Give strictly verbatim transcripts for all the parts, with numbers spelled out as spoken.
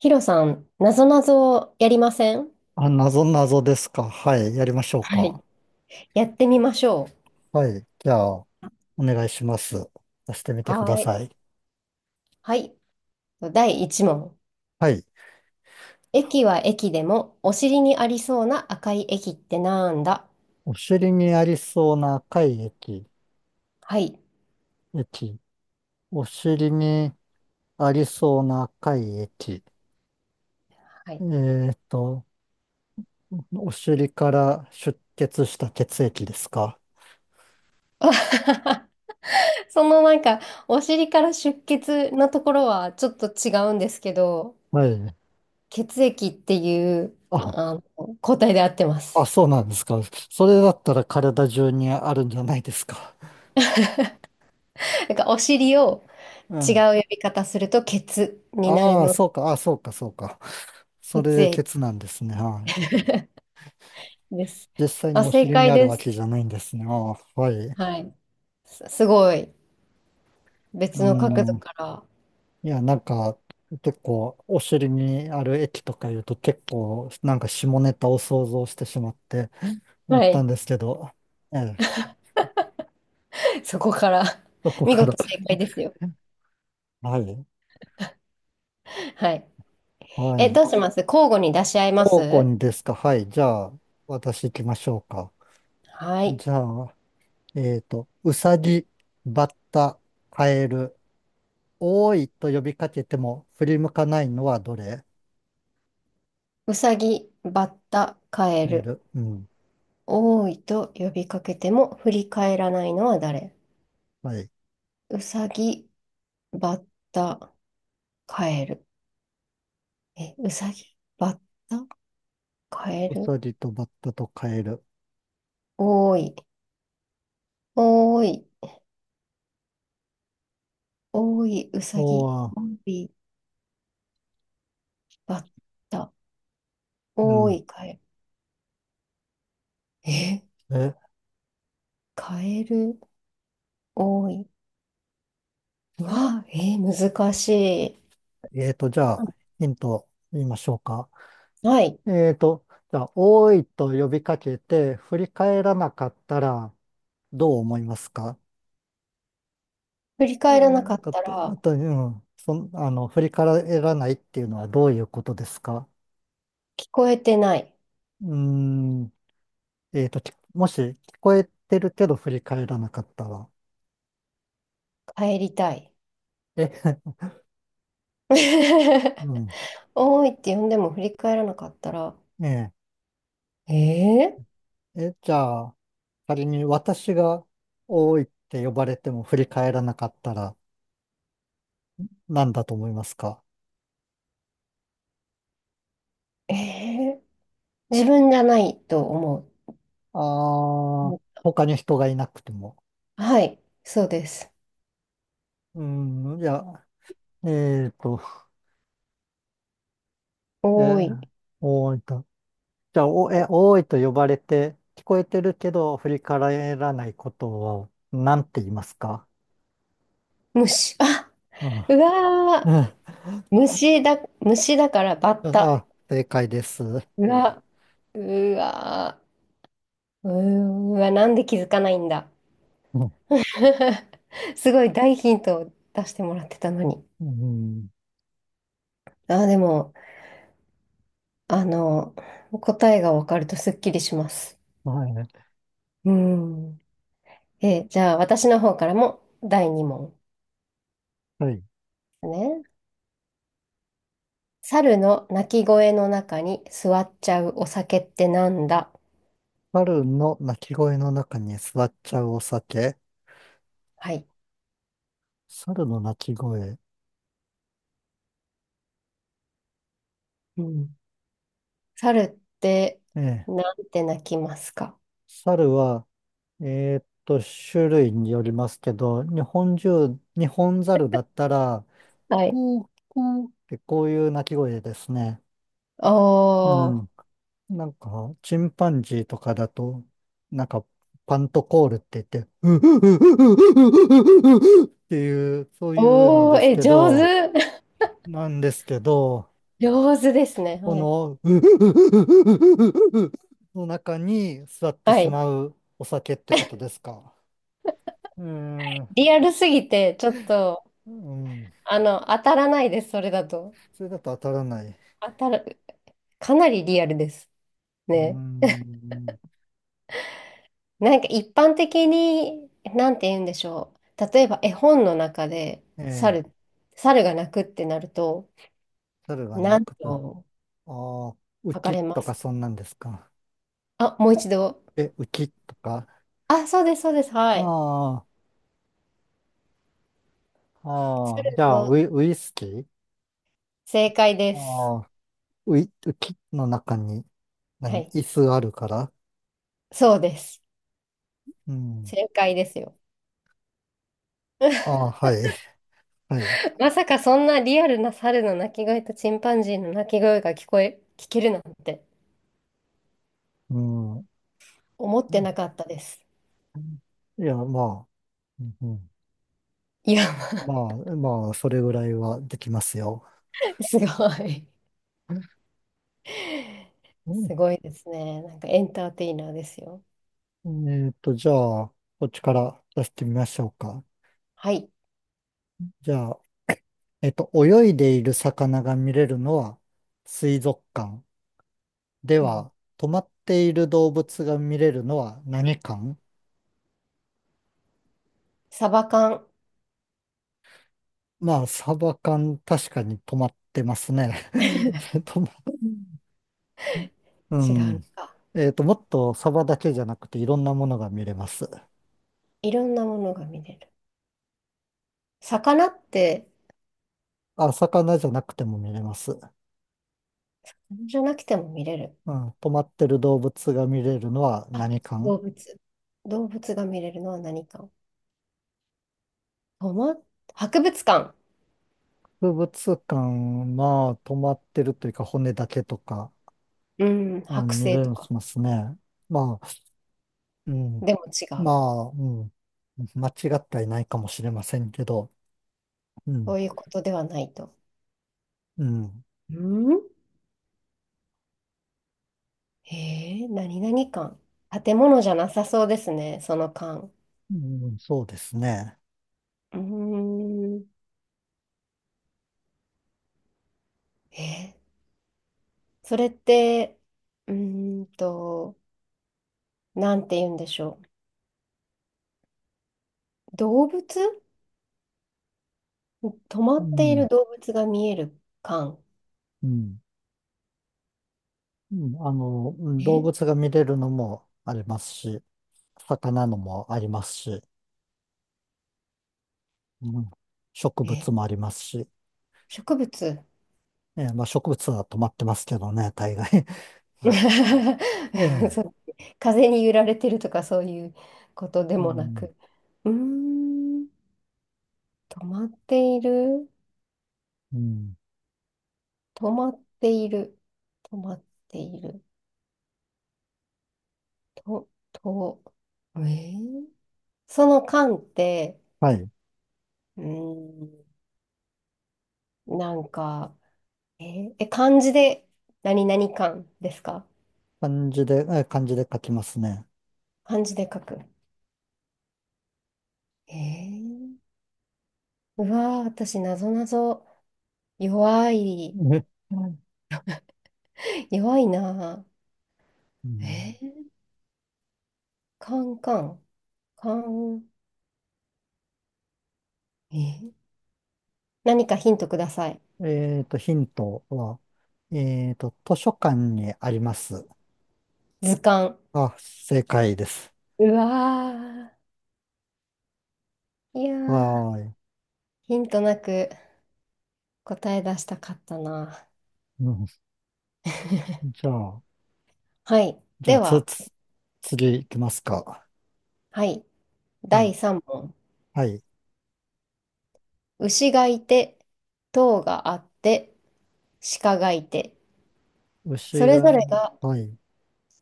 ヒロさん、なぞなぞやりません？あ、謎謎ですか。はい。やりましょうはい。か。やってみましょはい。じゃあ、お願いします。出してみう。てくだはーい。さい。はい。だいいち問。はい。駅は駅でも、お尻にありそうな赤い駅ってなんだ？お尻にありそうな赤い液。はい。液。お尻にありそうな赤い液。はえい。ーっと、お尻から出血した血液ですか。そのなんか、お尻から出血のところはちょっと違うんですけど、はい。血液っていう、あ、あの、抗体で合ってまあ、す。そうなんですか。それだったら体中にあるんじゃないですか。なんか、お尻をう違ん。う呼び方すると、血になるああ、ので、そうか。ああ、そうか、そうか。それ血で液血なんですね。はい。です。実際あ、のお正尻に解あるでわす。けじゃないんですね。ああ、はい。はい。す、すごい。う別の角度ん。から。いや、なんか、結構、お尻にある液とか言うと結構、なんか下ネタを想像してしまって思っはたんい。ですけど、ええ、そこから そ こ見から 事正解で すよ。はい。はい。はえ、い。どうします？交互に出し合いま方向す？にですか。はい。じゃあ、私行きましょうか。はい。じゃあ、えっと、うさぎ、バッタ、カエル、おーいと呼びかけても振り向かないのはどれ？うさぎ、バッタ、カエカエル。ル。うん。多いと呼びかけても振り返らないのは誰？はい。うさぎ、バッタ、カエル。え、うさぎ、バッタ、カエウル。サギとバッタとカエル。多い、多い、多い、うおさぎ、ー、多い、バッタ、う多ん。い、カエル。ええ、カエル多い。うわ、えー難しい。えーと、じゃはあ、い。ヒント言いましょうか。えーと、じゃあ、おーいと呼びかけて、振り返らなかったら、どう思いますか？振り返うらんななかんっかあたら、と、うん、そん、あの、振り返らないっていうのはどういうことですか？聞こえてない。うーん、えーと、きもし聞こえてるけど振り返らなかったら。帰りたい。え、うん、多いって呼んでも振り返らなかったら、ええええ、じゃあ、仮に私が多いって呼ばれても振り返らなかったら何だと思いますか？ー、えー自分じゃないと思う。ああー、他に人がいなくても。はい、そうです。うん、いや、えーと、え多ー、い。多いと。じゃあ、お、え、多いと呼ばれて聞こえてるけど振り返らないことを何て言いますか？虫。あ、うん。うわー。うん虫だ、虫だからバッタ。あ、正解です。ううわ、うわー、うーわ、なんで気づかないんだ。ん すごい大ヒントを出してもらってたのに。うん、あでも、あの、答えがわかるとすっきりします。はい。うん。え、じゃあ私の方からもだいに問。はい。ね。猿の鳴き声の中に座っちゃうお酒ってなんだ？猿の鳴き声の中に座っちゃうお酒。はい。猿の鳴き声。うん。猿ってええ。なんて鳴きますか？猿は、えーっと、種類によりますけど、日本中、日本猿だったら、はい。こう、こうってこういう鳴き声ですね。うおん。ー。なんか、チンパンジーとかだと、なんか、パントコールって言って、うううううううううううっていう、そういうのおー、ですえ、け上ど、手。なんですけど、上手ですね。こはい。の、の中に座ってはしい。まうお酒ってことですか。うーん、リアルすぎて、ちょっと、うん、あの、当たらないです、それだと。それだと当たらない。当たる、かなりリアルです。うーね。ん、なんか一般的に、なんて言うんでしょう。例えば絵本の中で、ええ、猿、猿が鳴くってなると、猿が鳴何くと。あとあ、浮書かきれまとかす？そんなんですか。あ、もう一度。え、浮きとか。あ、そうです、そうです。はい。ああ、ああ、猿じゃあ、ウのイ、ウイスキー正解です。ああ、ウイ、浮きの中に、は何、い。椅子があるから。そうです。うん。正解ですよ。ああ、はい、はい。まさかそんなリアルな猿の鳴き声とチンパンジーの鳴き声が聞こえ、聞けるなんてうん。思ってなかったです。いや、まあ。うんうんいや、まあ、まあ、それぐらいはできますよ。すごい。うすごいですね。なんかエンターテイナーですよ。んえっと、じゃあ、こっちから出してみましょうか。はい。じゃあ、えっと、泳いでいる魚が見れるのは水族館。でうん。は、止まっている動物が見れるのは何館？サバ缶。まあ、サバ缶、確かに止まってますね。違止ま、ううのん。か。えっと、もっとサバだけじゃなくていろんなものが見れます。いろんなものが見れる。魚って、あ、魚じゃなくても見れます。じゃなくても見れる。うん、止まってる動物が見れるのはあ、何館？動物。動物が見れるのは何か。とま、博物館。博物館は止まってるというか骨だけとか、うん、う剥ん、見製れとか。ますね。まあ、うん、でも違まう。あ、うん、間違ってはいないかもしれませんけど、うそん、ういうことではないと。うん、うんへえー、何々館。建物じゃなさそうですね、その館。うん、そうですね。うーん。えーそれって、うーんと、なんて言うんでしょう。動物止まうっていん、る動物が見える感。うん、うんあの、うん動物が見れるのもありますし、魚のもありますし、うん、植え物え、もありますし、植物 えーまあ植物は止まってますけどね、大概。あえ そえ、う風に揺られてるとかそういうことでうもなん、く。うーん、止まっている、うん、止まっている、止まっている、と、と、えーその間って、はい。うーん、なんか、えーえ漢字で何々漢ですか？漢字で、え漢字で書きますね。漢字で書く。えー、うわー、私、なぞなぞ弱い、え、弱いなうー。んえー、カンカン、カン、えー何かヒントください。えっと、ヒントは、えっと、図書館にあります。図鑑。あ、正解です。うわー、いやー、はーい。ヒントなく答え出したかったな。うん、じゃあ、はい。じゃであ、つ、は、つ、次行きますか。はい。はい。だいさん問。はい。牛がいて、塔があって、鹿がいて。そ牛れぞが、れがはい。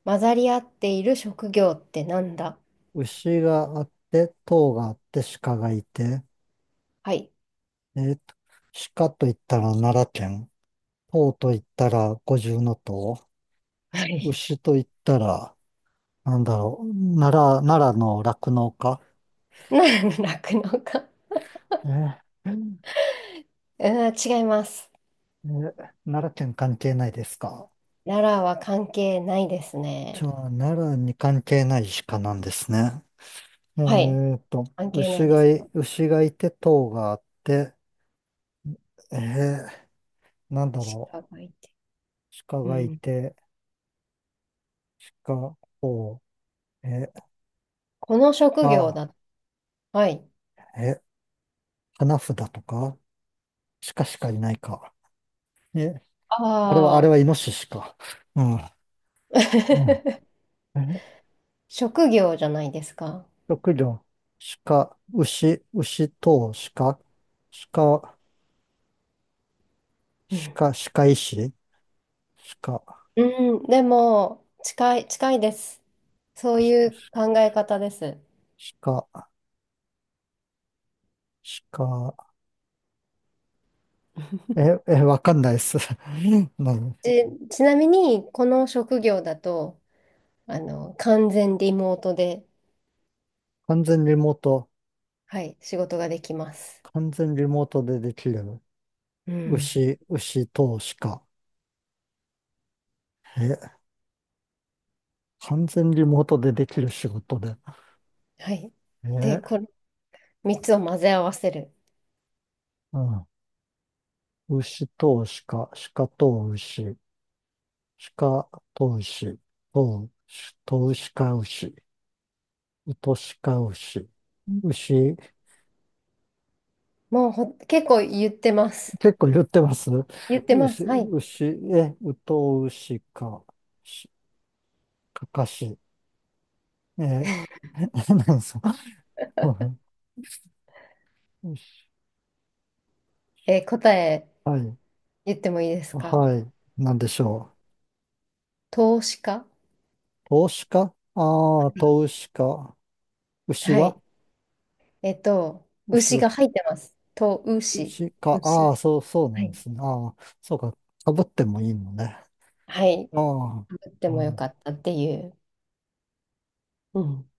混ざり合っている職業ってなんだ？牛があって、塔があって、鹿がいて、はい。えっと、鹿と言ったら奈良県。唐と言ったら五重の塔、はい。牛と言ったら、なんだろう、奈良、奈良の酪農家。な酪農家。えーえうん、違います。ー奈良県関係ないですか？奈良は関係ないですじね。ゃあ、奈良に関係ない鹿なんですね。えはい。ーと、関係な牛いでがすい、ね。牛がいて、塔があって、えー、なんだ鹿ろがいて。う、鹿うがいん。て、鹿、塔、えー、この職業あ、だ。はい。えー、花札とか、鹿しかいないか。え、あれは、あれあはイあ。ノシシか。うんうん。え、職業じゃないですか。職業、鹿、牛、牛等、鹿、鹿、うん。鹿、鹿医師、鹿、うん、でも、近い、近いです。そういう考え方です。鹿、鹿、え、え、わかんないです。何ち、ちなみに、この職業だと、あの、完全リモートで、完全リモート、はい、仕事ができます。完全リモートでできる。うん。牛、牛等、鹿。え、完全リモートでできる仕事で。はい。で、え、このみっつを混ぜ合わせる。うん。牛等、鹿、鹿等、牛、鹿等、牛、等、等、か牛。トシカウシ。牛、もうほ、結構言ってます。結構言ってます言ってま牛、す。はい。牛、え、ウトウシか、し、かかし、え、え何ですか牛 えー答え はい、言ってもいいですか？はい、なんでしょ投資家。う。投資かああー、投資か。牛ははい。えっと、牛牛は、が入ってます。と、牛。牛か。あ牛。あ、そう、そうなはんでい。すね。ああ、そうか。かぶってもいいのね。はい。ああ、言ってもうよんかったっていう。うん